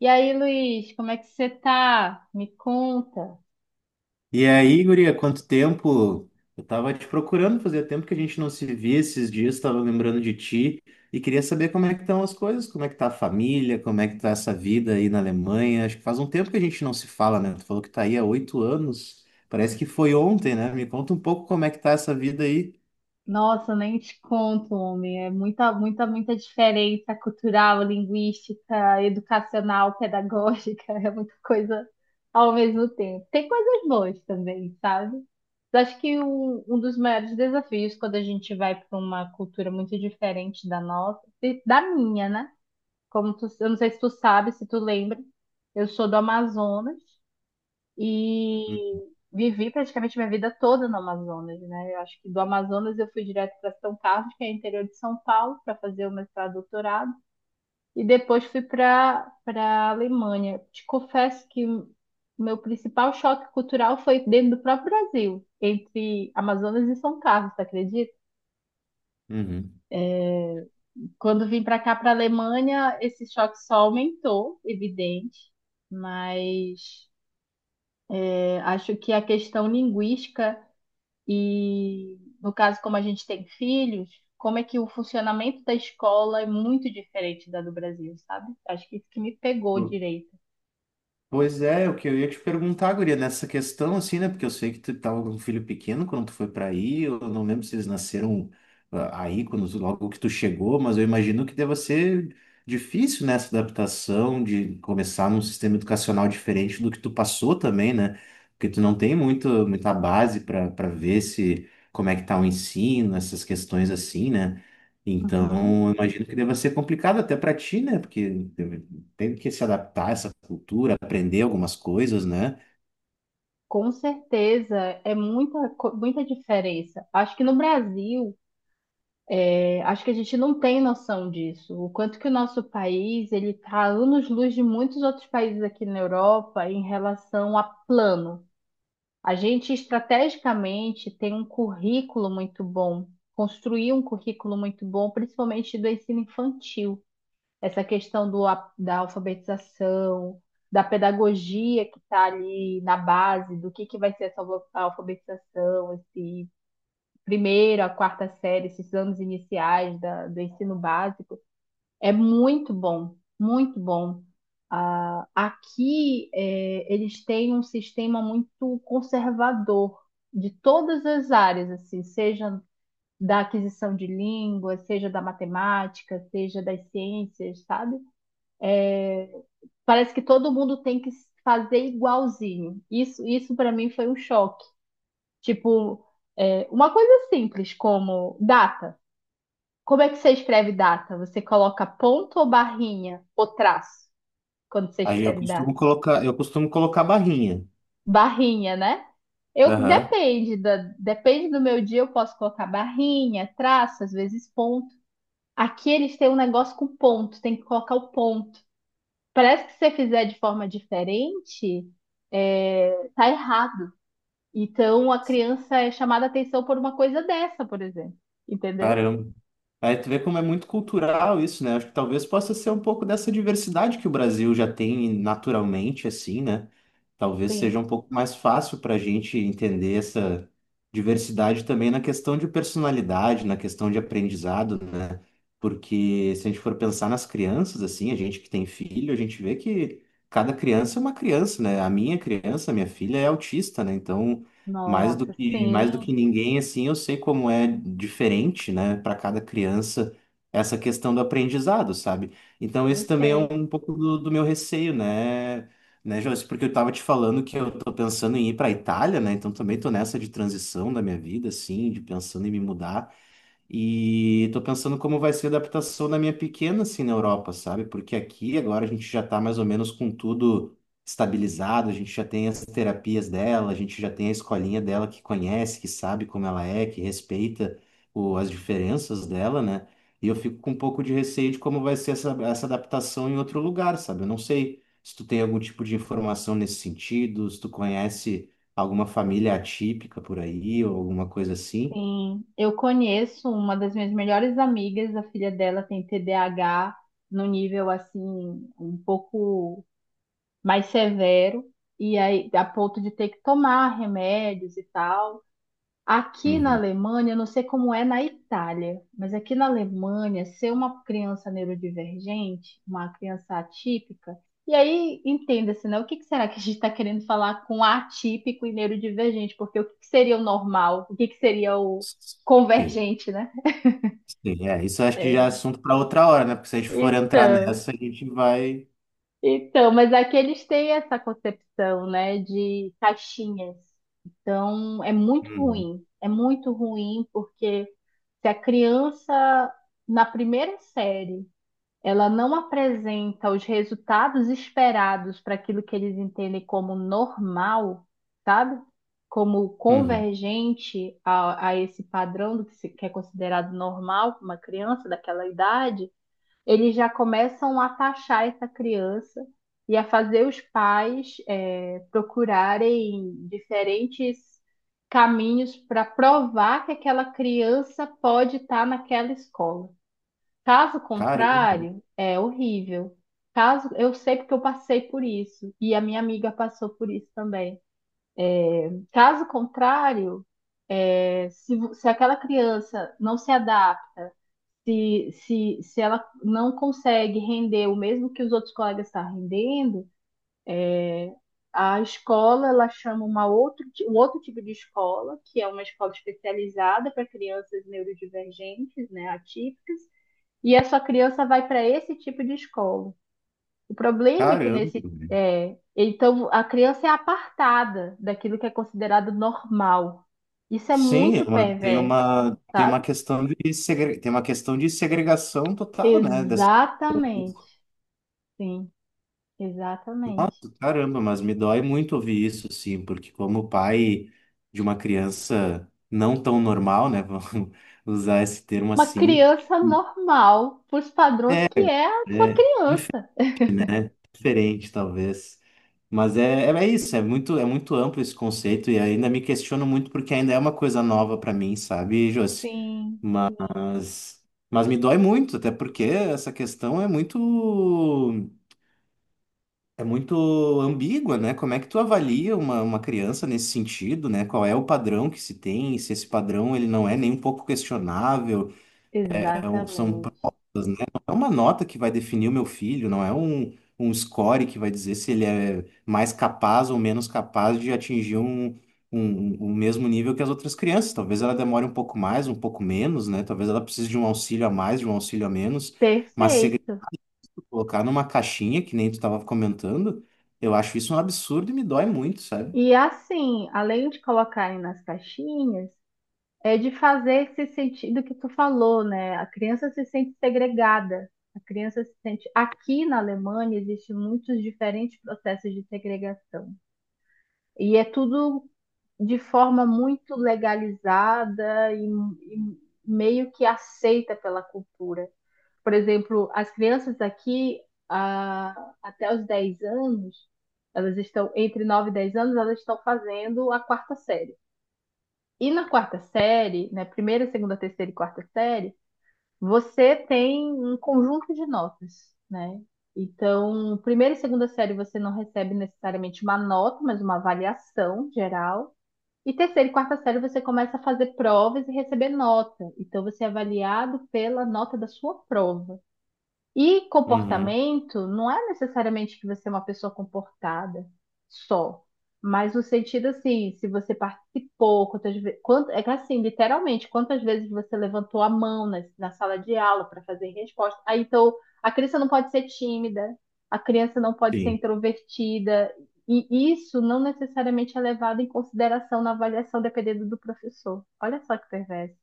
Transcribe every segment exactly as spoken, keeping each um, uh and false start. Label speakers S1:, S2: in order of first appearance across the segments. S1: E aí, Luiz, como é que você tá? Me conta.
S2: E aí, guria, quanto tempo? Eu tava te procurando, fazia tempo que a gente não se via esses dias, tava lembrando de ti e queria saber como é que estão as coisas, como é que tá a família, como é que tá essa vida aí na Alemanha. Acho que faz um tempo que a gente não se fala, né? Tu falou que tá aí há oito anos, parece que foi ontem, né? Me conta um pouco como é que tá essa vida aí.
S1: Nossa, nem te conto, homem. É muita, muita, muita diferença cultural, linguística, educacional, pedagógica. É muita coisa ao mesmo tempo. Tem coisas boas também, sabe? Mas acho que um, um dos maiores desafios quando a gente vai para uma cultura muito diferente da nossa, e da minha, né? Como tu, eu não sei se tu sabe, se tu lembra, eu sou do Amazonas, e vivi praticamente minha vida toda no Amazonas, né? Eu acho que do Amazonas eu fui direto para São Carlos, que é interior de São Paulo, para fazer o mestrado e doutorado, e depois fui para para Alemanha. Te confesso que o meu principal choque cultural foi dentro do próprio Brasil, entre Amazonas e São Carlos, tu acredita?
S2: Uhum.
S1: É, Quando vim para cá, para Alemanha, esse choque só aumentou, evidente, mas é, acho que a questão linguística. E no caso, como a gente tem filhos, como é que o funcionamento da escola é muito diferente da do Brasil, sabe? Acho que isso que me pegou direito.
S2: Pois é, o que eu ia te perguntar, guria, nessa questão, assim, né? Porque eu sei que tu tava com um filho pequeno quando tu foi para aí, eu não lembro se eles nasceram ah, aí, quando logo que tu chegou, mas eu imagino que deva ser difícil nessa adaptação de começar num sistema educacional diferente do que tu passou também, né? Porque tu não tem muito, muita base para para ver se como é que tá o ensino, essas questões assim, né?
S1: Uhum.
S2: Então, eu imagino que deva ser complicado até para ti, né? Porque teve que se adaptar a essa cultura, aprender algumas coisas, né?
S1: Com certeza, é muita, co- muita diferença. Acho que no Brasil, é, acho que a gente não tem noção disso. O quanto que o nosso país, ele está anos-luz de muitos outros países aqui na Europa em relação a plano. A gente estrategicamente tem um currículo muito bom, construir um currículo muito bom, principalmente do ensino infantil. Essa questão do, a- da alfabetização, da pedagogia que está ali na base, do que, que vai ser essa alfa- alfabetização, esse primeiro, a quarta série, esses anos iniciais da- do ensino básico. É muito bom, muito bom. Ah, aqui é, eles têm um sistema muito conservador de todas as áreas, assim, seja da aquisição de línguas, seja da matemática, seja das ciências, sabe? Parece que todo mundo tem que fazer igualzinho. Isso, isso para mim foi um choque. Tipo, é, uma coisa simples como data. Como é que você escreve data? Você coloca ponto ou barrinha ou traço? Quando você
S2: Aí eu
S1: escreve da
S2: costumo colocar, eu costumo colocar barrinha.
S1: barrinha, né? Eu
S2: Aham.
S1: depende da, depende do meu dia, eu posso colocar barrinha, traço, às vezes ponto. Aqui eles têm um negócio com ponto, tem que colocar o ponto. Parece que se você fizer de forma diferente, é, tá errado. Então a criança é chamada a atenção por uma coisa dessa, por exemplo. Entendeu?
S2: Caramba. Aí tu vê como é muito cultural isso, né? Acho que talvez possa ser um pouco dessa diversidade que o Brasil já tem naturalmente, assim, né? Talvez
S1: Sim.
S2: seja um pouco mais fácil para a gente entender essa diversidade também na questão de personalidade, na questão de aprendizado, né? Porque se a gente for pensar nas crianças, assim, a gente que tem filho, a gente vê que cada criança é uma criança, né? A minha criança, a minha filha é autista, né? Então mais do
S1: Nossa,
S2: que, mais do
S1: sim,
S2: que ninguém, assim, eu sei como é diferente, né, para cada criança essa questão do aprendizado, sabe? Então, esse também é
S1: perfeito.
S2: um pouco do, do meu receio, né, né, Joyce? Porque eu tava te falando que eu tô pensando em ir para Itália, né? Então, também tô nessa de transição da minha vida, assim, de pensando em me mudar. E tô pensando como vai ser a adaptação da minha pequena, assim, na Europa, sabe? Porque aqui agora a gente já tá mais ou menos com tudo estabilizado, a gente já tem as terapias dela, a gente já tem a escolinha dela que conhece, que sabe como ela é, que respeita o, as diferenças dela, né? E eu fico com um pouco de receio de como vai ser essa, essa adaptação em outro lugar, sabe? Eu não sei se tu tem algum tipo de informação nesse sentido, se tu conhece alguma família atípica por aí ou alguma coisa assim.
S1: Sim, eu conheço uma das minhas melhores amigas, a filha dela tem T D A H no nível assim um pouco mais severo, e aí a ponto de ter que tomar remédios e tal. Aqui na Alemanha, eu não sei como é na Itália, mas aqui na Alemanha, ser uma criança neurodivergente, uma criança atípica, e aí entenda-se, né? O que que será que a gente está querendo falar com atípico e neurodivergente? Porque o que que seria o normal? O que que seria o
S2: Sim,
S1: convergente, né?
S2: sim, é. Isso acho que já é
S1: É,
S2: assunto para outra hora, né? Porque se a gente for entrar
S1: Então,
S2: nessa, a gente vai.
S1: então, mas aqui eles têm essa concepção, né, de caixinhas. Então, é muito
S2: Uhum,
S1: ruim. É muito ruim porque se a criança, na primeira série, ela não apresenta os resultados esperados para aquilo que eles entendem como normal, sabe? Como
S2: uhum.
S1: convergente a, a esse padrão do que, se, que é considerado normal para uma criança daquela idade, eles já começam a taxar essa criança e a fazer os pais é, procurarem diferentes caminhos para provar que aquela criança pode estar naquela escola. Caso
S2: Caramba,
S1: contrário, é horrível. Caso eu sei porque eu passei por isso e a minha amiga passou por isso também. Caso contrário, é, se, vo- se aquela criança não se adapta, se, se, se ela não consegue render o mesmo que os outros colegas estão rendendo, a escola ela chama uma outro, ti- um outro tipo de escola, que é uma escola especializada para crianças neurodivergentes, né, atípicas, e essa criança vai para esse tipo de escola. O problema é que
S2: caramba.
S1: nesse
S2: Velho.
S1: é, então a criança é apartada daquilo que é considerado normal. Isso é
S2: Sim,
S1: muito
S2: é uma- tem
S1: perverso,
S2: uma, tem uma
S1: sabe?
S2: questão de segre... tem uma questão de segregação total, né? Dessa...
S1: Exatamente. Sim, exatamente.
S2: Nossa, caramba, mas me dói muito ouvir isso, sim, porque como pai de uma criança não tão normal, né? Vamos usar esse termo
S1: Uma
S2: assim,
S1: criança normal, para os padrões
S2: é,
S1: que é a sua
S2: é dife-
S1: criança.
S2: diferente, talvez. Mas é, é é isso, é muito, é muito amplo esse conceito e ainda me questiono muito porque ainda é uma coisa nova para mim, sabe, Josi?
S1: Sim, sim,
S2: Mas, mas me dói muito, até porque essa questão é muito, é muito ambígua, né? Como é que tu avalia uma, uma criança nesse sentido, né? Qual é o padrão que se tem, se esse padrão ele não é nem um pouco questionável, é um- são
S1: exatamente.
S2: provas, né? Não é uma nota que vai definir o meu filho, não é um, um score que vai dizer se ele é mais capaz ou menos capaz de atingir um, um, um mesmo nível que as outras crianças. Talvez ela demore um pouco mais, um pouco menos, né? Talvez ela precise de um auxílio a mais, de um auxílio a menos. Mas se ele
S1: Perfeito.
S2: colocar numa caixinha, que nem tu estava comentando, eu acho isso um absurdo e me dói muito, sabe?
S1: E assim, além de colocarem nas caixinhas, é de fazer esse sentido que tu falou, né? A criança se sente segregada. A criança se sente. Aqui na Alemanha existem muitos diferentes processos de segregação. E é tudo de forma muito legalizada e, e meio que aceita pela cultura. Por exemplo, as crianças aqui, ah, até os dez anos, elas estão entre nove e dez anos, elas estão fazendo a quarta série. E na quarta série, né, primeira, segunda, terceira e quarta série, você tem um conjunto de notas, né? Então, primeira e segunda série você não recebe necessariamente uma nota, mas uma avaliação geral. E terceira e quarta série você começa a fazer provas e receber nota. Então, você é avaliado pela nota da sua prova. E
S2: Uhum.
S1: comportamento não é necessariamente que você é uma pessoa comportada só, mas no sentido assim, se você participou, quantas vezes, é que assim, literalmente, quantas vezes você levantou a mão na, na sala de aula para fazer resposta. Aí, então, a criança não pode ser tímida, a criança não pode ser
S2: Sim.
S1: introvertida, e isso não necessariamente é levado em consideração na avaliação, dependendo do professor. Olha só que perverso.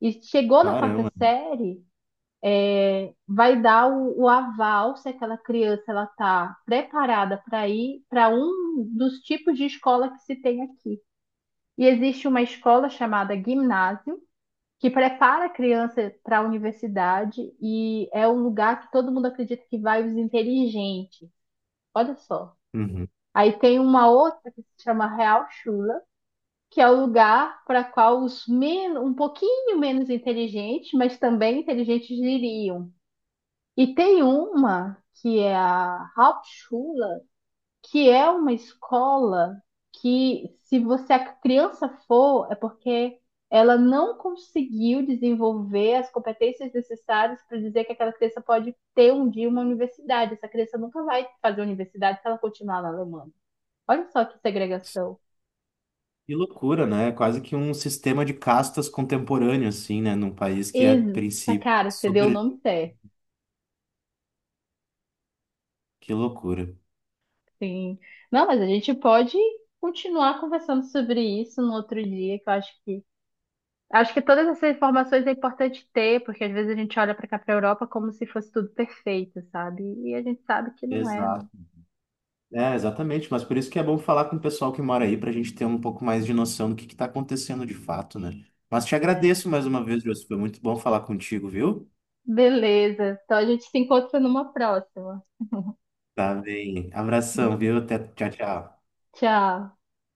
S1: E chegou na quarta
S2: Caramba.
S1: série, vai dar o, o aval se aquela criança ela está preparada para ir para um dos tipos de escola que se tem aqui. E existe uma escola chamada Ginásio, que prepara a criança para a universidade e é um lugar que todo mundo acredita que vai os inteligentes. Olha só.
S2: Uhum.
S1: Aí tem uma outra que se chama Real Chula, que é o lugar para qual os menos, um pouquinho menos inteligentes, mas também inteligentes iriam. E tem uma que é a Hauptschule, que é uma escola que, se você a criança for, é porque ela não conseguiu desenvolver as competências necessárias para dizer que aquela criança pode ter um dia uma universidade. Essa criança nunca vai fazer universidade se ela continuar na Alemanha. Olha só que segregação.
S2: Que loucura, né? É quase que um sistema de castas contemporâneo, assim, né? Num país que, a
S1: Eita,
S2: princípio, é
S1: cara, você deu o
S2: super.
S1: nome certo.
S2: Que loucura.
S1: Sim. Não, mas a gente pode continuar conversando sobre isso no outro dia, que eu acho que acho que todas essas informações é importante ter, porque às vezes a gente olha para cá, para Europa, como se fosse tudo perfeito, sabe? E a gente sabe que não é, né?
S2: Exato. É, exatamente. Mas por isso que é bom falar com o pessoal que mora aí, para a gente ter um pouco mais de noção do que está acontecendo de fato, né? Mas te
S1: É.
S2: agradeço mais uma vez, José. Foi muito bom falar contigo, viu?
S1: Beleza. Então a gente se encontra numa próxima.
S2: Tá bem. Abração, viu? Até tchau, tchau.
S1: Tchau.